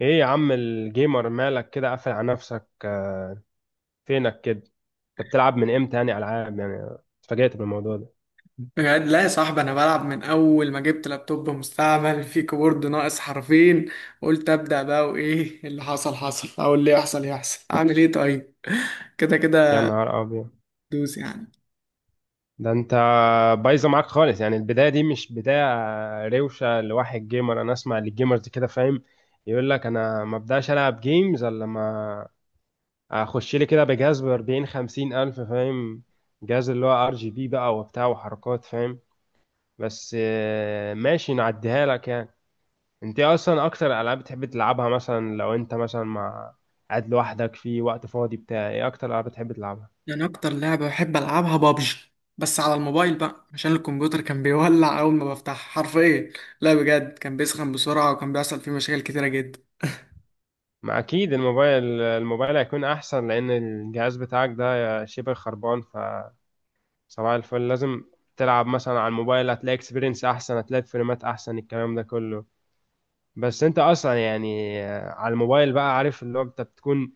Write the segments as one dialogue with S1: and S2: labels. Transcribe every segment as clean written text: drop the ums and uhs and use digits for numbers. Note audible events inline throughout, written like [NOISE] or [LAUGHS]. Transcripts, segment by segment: S1: ايه يا عم الجيمر مالك كده قافل على نفسك آه، فينك كده. انت بتلعب من امتى يعني العاب يعني؟ اتفاجأت بالموضوع ده.
S2: بجد لا يا صاحبي، انا بلعب من اول ما جبت لابتوب مستعمل في كيبورد ناقص حرفين. قلت ابدا بقى، وايه اللي حصل حصل او اللي يحصل يحصل. اعمل ايه طيب؟ [LAUGHS] كده
S1: يا
S2: كده.
S1: نهار ابيض،
S2: دوس يعني.
S1: ده انت بايظه معاك خالص. يعني البدايه دي مش بدايه روشه لواحد جيمر. انا اسمع للجيمرز كده، فاهم؟ يقول لك انا ما ابداش العب جيمز الا لما اخش لي كده بجهاز ب 40 50 الف، فاهم؟ جهاز اللي هو ار جي بي بقى وبتاع وحركات، فاهم؟ بس ماشي، نعديها لك يعني. انت ايه اصلا اكتر العاب بتحب تلعبها؟ مثلا لو انت مثلا مع، قاعد لوحدك في وقت فاضي بتاع، ايه اكتر العاب بتحب تلعبها؟
S2: يعني اكتر لعبه بحب العبها بابجي، بس على الموبايل بقى عشان الكمبيوتر كان بيولع اول ما بفتح حرفيا. لا بجد كان بيسخن بسرعه، وكان بيحصل فيه مشاكل كتيره جدا.
S1: ما اكيد الموبايل، هيكون احسن لان الجهاز بتاعك ده شبه خربان، ف صباح الفل، لازم تلعب مثلا على الموبايل. هتلاقي اكسبيرينس احسن، هتلاقي فريمات احسن، الكلام ده كله. بس انت اصلا يعني على الموبايل بقى، عارف اللي هو انت بتكون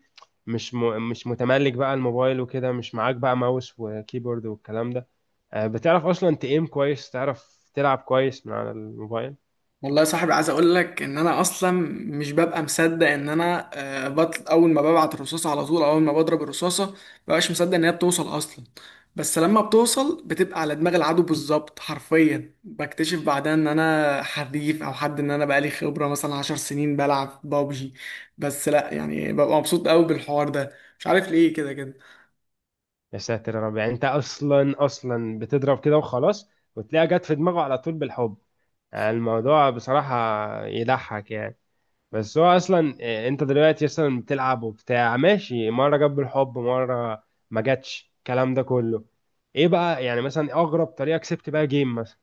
S1: مش متملك بقى الموبايل، وكده مش معاك بقى ماوس وكيبورد والكلام ده. بتعرف اصلا تقيم كويس؟ تعرف تلعب كويس من على الموبايل؟
S2: والله يا صاحبي، عايز اقول لك ان انا اصلا مش ببقى مصدق ان انا بطل. اول ما ببعت الرصاصه على طول، أو اول ما بضرب الرصاصه مبقاش مصدق ان هي بتوصل اصلا. بس لما بتوصل بتبقى على دماغ العدو بالظبط حرفيا. بكتشف بعدها ان انا حريف، او حد ان انا بقالي خبره مثلا 10 سنين بلعب بابجي. بس لا، يعني ببقى مبسوط قوي بالحوار ده. مش عارف ليه. كده كده.
S1: يا ساتر يا رب. يعني انت اصلا بتضرب كده وخلاص وتلاقيها جت في دماغه على طول بالحب؟ يعني الموضوع بصراحة يضحك يعني. بس هو اصلا انت دلوقتي اصلا بتلعب وبتاع، ماشي، مرة جت بالحب، مرة ما جاتش، الكلام ده كله. ايه بقى يعني مثلا اغرب طريقة كسبت بقى جيم مثلا؟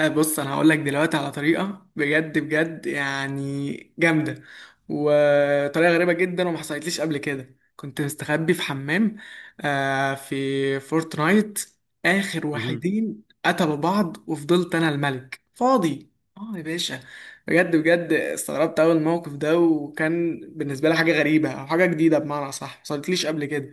S2: بص انا هقول لك دلوقتي على طريقه بجد بجد يعني جامده، وطريقه غريبه جدا وما حصلتليش قبل كده. كنت مستخبي في حمام آه في فورتنايت. اخر
S1: مهم.
S2: واحدين قتلوا بعض وفضلت انا الملك فاضي. اه يا باشا، بجد بجد استغربت اول الموقف ده، وكان بالنسبه لي حاجه غريبه او حاجه جديده، بمعنى صح ما حصلتليش قبل كده.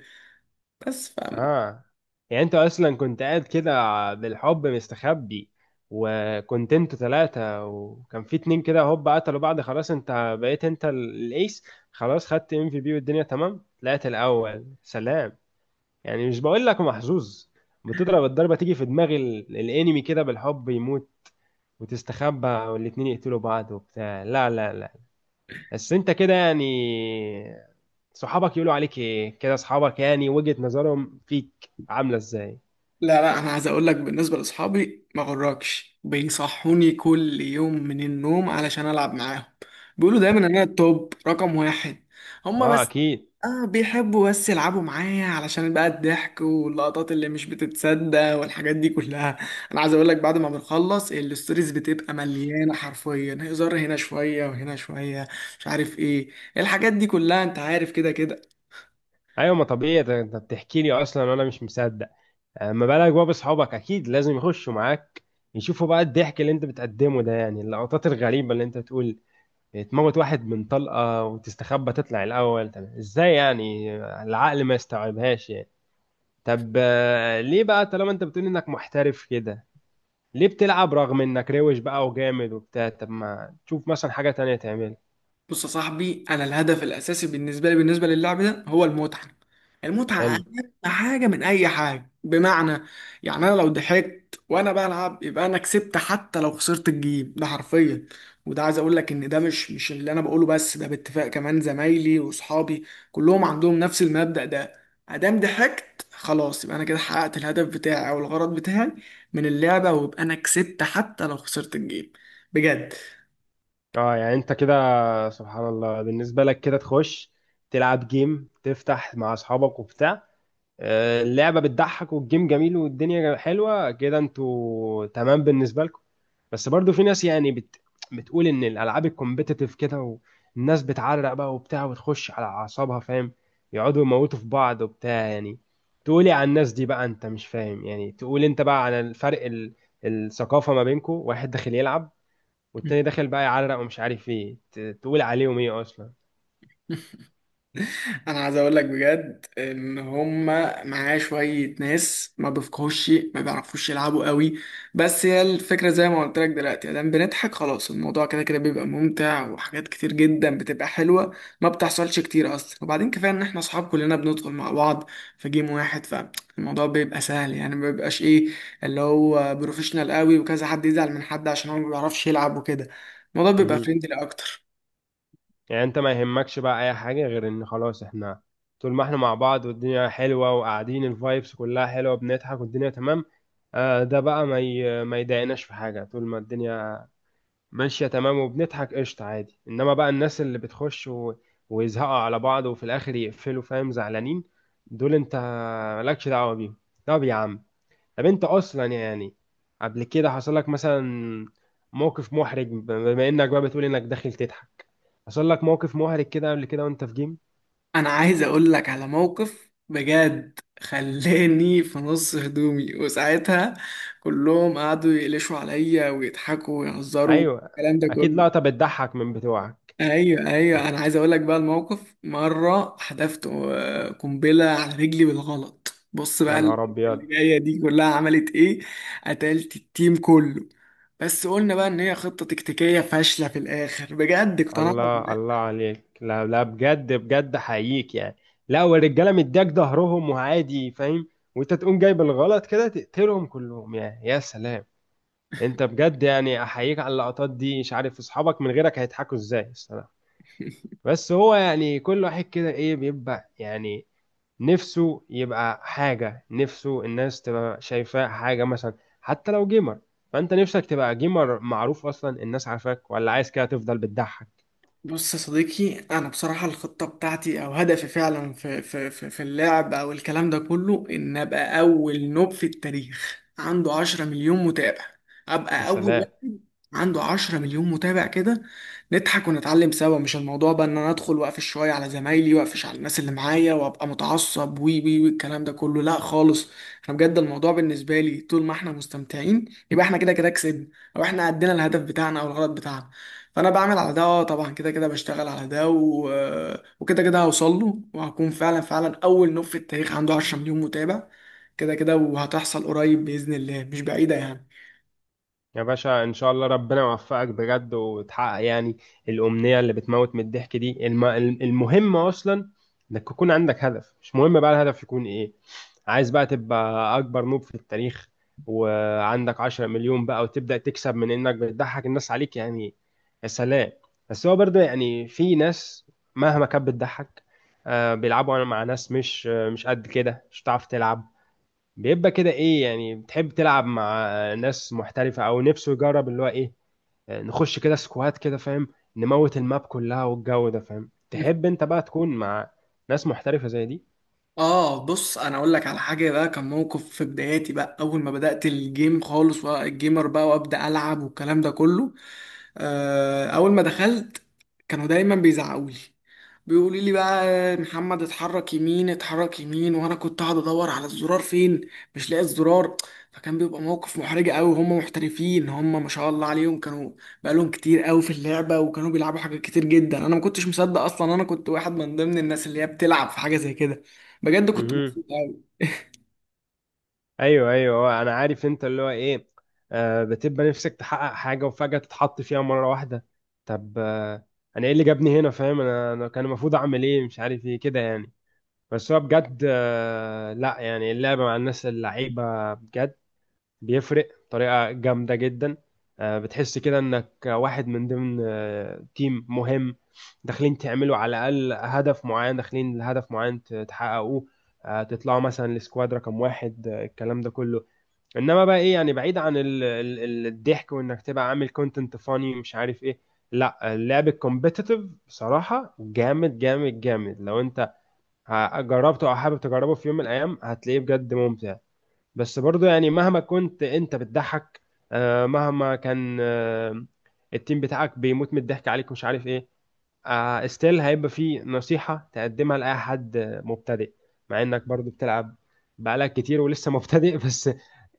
S2: بس.
S1: اه يعني انت اصلا كنت قاعد كده بالحب مستخبي، وكنت انتوا ثلاثة، وكان في اتنين كده هوب قتلوا بعض، خلاص انت بقيت انت الايس، خلاص، خدت ام في بي، والدنيا تمام، طلعت الاول، سلام. يعني مش بقول لك محظوظ، بتضرب الضربة تيجي في دماغ الانمي كده بالحب يموت، وتستخبى والاتنين يقتلوا بعض وبتاع، لا لا لا. بس انت كده يعني صحابك يقولوا عليك ايه كده؟ صحابك يعني وجهة نظرهم فيك عاملة ازاي؟
S2: لا لا، انا عايز اقول لك بالنسبه لاصحابي ما غركش بيصحوني كل يوم من النوم علشان العب معاهم. بيقولوا دايما ان انا التوب رقم واحد. هما
S1: اه
S2: بس
S1: اكيد.
S2: اه بيحبوا بس يلعبوا معايا علشان بقى الضحك واللقطات اللي مش بتتصدق والحاجات دي كلها. انا عايز اقول لك، بعد ما بنخلص الستوريز بتبقى مليانه حرفيا هزار، هنا شويه وهنا شويه. مش عارف ايه. الحاجات دي كلها انت عارف. كده كده.
S1: ايوه، ما طبيعي، ده انت بتحكي لي اصلا وانا مش مصدق. اما بالك بقى باصحابك، اكيد لازم يخشوا معاك يشوفوا بقى الضحك اللي انت بتقدمه ده، يعني اللقطات الغريبه اللي انت تقول، تموت واحد من طلقه وتستخبى تطلع الاول، طب ازاي يعني؟ العقل ما يستوعبهاش يعني. طب ليه بقى طالما انت بتقول انك محترف كده، ليه بتلعب رغم انك روش بقى وجامد وبتاع؟ طب ما تشوف مثلا حاجه تانية تعملها.
S2: بص يا صاحبي، انا الهدف الاساسي بالنسبه لي بالنسبه للعب ده هو المتعه. المتعه
S1: حلو.
S2: اهم حاجه من اي حاجه. بمعنى يعني انا لو ضحكت وانا بلعب يبقى انا كسبت حتى لو خسرت الجيم ده حرفيا. وده عايز اقول لك ان ده مش اللي انا بقوله بس، ده باتفاق كمان زمايلي واصحابي كلهم عندهم نفس المبدأ ده. ادام ضحكت خلاص، يبقى انا كده حققت الهدف بتاعي او الغرض بتاعي من اللعبه، ويبقى انا كسبت حتى لو خسرت الجيم. بجد.
S1: اه يعني انت كده، سبحان الله، بالنسبة لك كده تخش تلعب جيم، تفتح مع اصحابك وبتاع، اللعبة بتضحك والجيم جميل والدنيا حلوة كده، انتوا تمام بالنسبة لكم. بس برضو في ناس يعني بتقول ان الالعاب الكومبيتيتيف كده، والناس بتعرق بقى وبتاع وتخش على اعصابها، فاهم؟ يقعدوا يموتوا في بعض وبتاع يعني. تقولي على الناس دي بقى؟ انت مش فاهم يعني، تقول انت بقى على الفرق الثقافة ما بينكم؟ واحد داخل يلعب، والتاني داخل بقى يعرق ومش عارف ايه، تقول عليهم ايه اصلا؟
S2: انا عايز اقول لك بجد ان هما معاه شويه ناس ما بيفقهوش شيء، ما بيعرفوش يلعبوا قوي. بس هي الفكره زي ما قلت لك دلوقتي، دام بنضحك خلاص الموضوع كده كده بيبقى ممتع، وحاجات كتير جدا بتبقى حلوه ما بتحصلش كتير اصلا. وبعدين كفايه ان احنا اصحاب كلنا بندخل مع بعض في جيم واحد، فالموضوع بيبقى سهل. يعني ما بيبقاش ايه اللي هو بروفيشنال قوي وكذا حد يزعل من حد عشان هو ما بيعرفش يلعب وكده. الموضوع بيبقى
S1: مهم.
S2: فريندلي اكتر.
S1: يعني انت ما يهمكش بقى اي حاجه غير ان خلاص، احنا طول ما احنا مع بعض والدنيا حلوه وقاعدين الفايبس كلها حلوه، بنضحك والدنيا تمام، آه، ده بقى ما يضايقناش في حاجه. طول ما الدنيا ماشيه تمام وبنضحك، قشطه عادي. انما بقى الناس اللي بتخش ويزهقوا على بعض وفي الاخر يقفلوا، فاهم، زعلانين، دول انت مالكش دعوه بيهم. طب يا عم، طب انت اصلا يعني قبل كده حصل لك مثلا موقف محرج؟ بما انك بقى بتقول انك داخل تضحك، حصل لك موقف محرج كده قبل كده وانت في جيم؟
S2: انا عايز اقول لك على موقف بجد خلاني في نص هدومي، وساعتها كلهم قعدوا يقلشوا عليا ويضحكوا ويهزروا
S1: ايوه،
S2: الكلام ده
S1: اكيد
S2: كله.
S1: لقطة بتضحك من بتوعك.
S2: ايوه ايوه، انا عايز اقول لك بقى الموقف. مره حدفت قنبله على رجلي بالغلط. بص
S1: يا
S2: بقى
S1: نهار ابيض.
S2: اللي جايه دي كلها عملت ايه: قتلت التيم كله. بس قلنا بقى ان هي خطه تكتيكيه فاشله. في الاخر بجد اقتنعت.
S1: الله الله عليك، لا لا، بجد بجد، حقيقي يعني. لا، والرجاله مديك ظهرهم وعادي، فاهم، وانت تقوم جايب الغلط كده تقتلهم كلهم، يعني يا سلام. انت بجد يعني احييك على اللقطات دي، مش عارف اصحابك من غيرك هيضحكوا ازاي الصراحة. بس هو يعني كل واحد كده ايه بيبقى يعني نفسه يبقى حاجة، نفسه الناس تبقى شايفاه حاجة مثلا، حتى لو جيمر، فانت نفسك تبقى جيمر معروف اصلا الناس عارفاك؟ ولا عايز كده تفضل بتضحك؟
S2: بص يا صديقي، انا بصراحه الخطه بتاعتي او هدفي فعلا في في اللعب او الكلام ده كله، ان ابقى اول نوب في التاريخ عنده 10 مليون متابع.
S1: يا
S2: ابقى اول
S1: سلام.
S2: واحد عنده 10 مليون متابع كده، نضحك ونتعلم سوا. مش الموضوع بقى ان انا ادخل واقفش شويه على زمايلي واقفش على الناس اللي معايا وابقى متعصب وي وي وي الكلام ده كله، لا خالص. انا بجد الموضوع بالنسبه لي، طول ما احنا مستمتعين يبقى احنا كده كده كسبنا، او احنا عدينا الهدف بتاعنا او الغرض بتاعنا. فانا بعمل على ده طبعا، كده كده بشتغل على ده وكده كده هوصل له، وهكون فعلا فعلا اول نوع في التاريخ عنده 10 مليون متابع. كده كده وهتحصل قريب باذن الله، مش بعيده يعني.
S1: يا باشا ان شاء الله ربنا يوفقك بجد وتحقق يعني الامنية اللي بتموت من الضحك دي. المهم اصلا انك يكون عندك هدف، مش مهم بقى الهدف يكون ايه. عايز بقى تبقى اكبر نوب في التاريخ وعندك 10 مليون بقى وتبدأ تكسب من انك بتضحك الناس عليك، يعني يا سلام. بس هو برضه يعني في ناس مهما كانت بتضحك، بيلعبوا مع ناس مش مش قد كده، مش هتعرف تلعب. بيبقى كده ايه يعني؟ بتحب تلعب مع ناس محترفة، او نفسه يجرب اللي هو ايه، نخش كده سكوات كده، فاهم، نموت الماب كلها والجو ده، فاهم؟ تحب انت بقى تكون مع ناس محترفة زي دي؟
S2: اه، بص انا اقول لك على حاجه بقى. كان موقف في بداياتي بقى، اول ما بدات الجيم خالص بقى الجيمر بقى وابدا العب والكلام ده كله. اول ما دخلت كانوا دايما بيزعقوا لي، بيقولوا لي بقى محمد اتحرك يمين اتحرك يمين، وانا كنت قاعد ادور على الزرار فين، مش لاقي الزرار. فكان بيبقى موقف محرج قوي. هم محترفين، هم ما شاء الله عليهم كانوا بقالهم كتير قوي في اللعبه، وكانوا بيلعبوا حاجات كتير جدا. انا ما كنتش مصدق اصلا انا كنت واحد من ضمن الناس اللي هي بتلعب في حاجه زي كده. بجد كنت
S1: مهم.
S2: مبسوط قوي.
S1: ايوه ايوه، انا عارف انت اللي هو ايه، آه، بتبقى نفسك تحقق حاجه وفجاه تتحط فيها مره واحده. طب آه، انا ايه اللي جابني هنا، فاهم؟ انا كان المفروض اعمل ايه مش عارف ايه كده يعني. بس هو بجد آه، لا يعني اللعبه مع الناس اللعيبه بجد بيفرق بطريقه جامده جدا. آه، بتحس كده انك واحد من ضمن آه تيم مهم، داخلين تعملوا على الاقل هدف معين، داخلين لهدف معين تحققوه، آه تطلعوا مثلا لسكواد رقم واحد، آه، الكلام ده كله. انما بقى ايه يعني بعيد عن الضحك وانك تبقى عامل كونتنت فاني مش عارف ايه، لا، اللعب الكومبيتيتيف بصراحة جامد جامد جامد. لو انت جربته او حابب تجربه في يوم من الايام، هتلاقيه بجد ممتع. بس برضو يعني مهما كنت انت بتضحك، مهما كان التيم بتاعك بيموت من الضحك عليك مش عارف ايه، آه، ستيل هيبقى في نصيحة تقدمها لأي حد مبتدئ، مع إنك برضو بتلعب بقالك كتير ولسه مبتدئ [LAUGHS] بس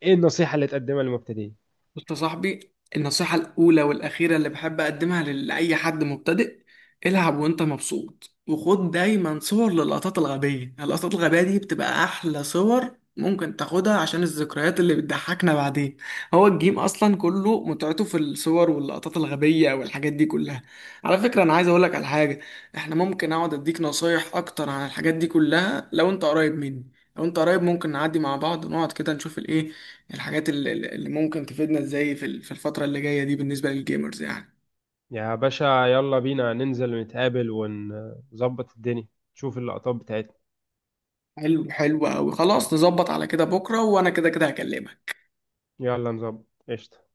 S1: إيه النصيحة اللي تقدمها للمبتدئين؟
S2: بص يا صاحبي، النصيحة الأولى والأخيرة اللي بحب أقدمها لأي حد مبتدئ: العب وأنت مبسوط، وخد دايما صور للقطات الغبية. اللقطات الغبية دي بتبقى أحلى صور ممكن تاخدها عشان الذكريات اللي بتضحكنا بعدين. هو الجيم أصلا كله متعته في الصور واللقطات الغبية والحاجات دي كلها. على فكرة أنا عايز أقولك على حاجة: إحنا ممكن أقعد أديك نصايح أكتر عن الحاجات دي كلها لو أنت قريب مني. لو أنت قريب ممكن نعدي مع بعض ونقعد كده نشوف الإيه، الحاجات اللي ممكن تفيدنا ازاي في الفترة اللي جاية دي بالنسبة للجيمرز يعني.
S1: يا باشا يلا بينا ننزل نتقابل ونظبط الدنيا، نشوف اللقطات بتاعتنا.
S2: حلو حلو أوي، خلاص نظبط على كده بكرة، وأنا كده كده هكلمك.
S1: يلا نظبط قشطة.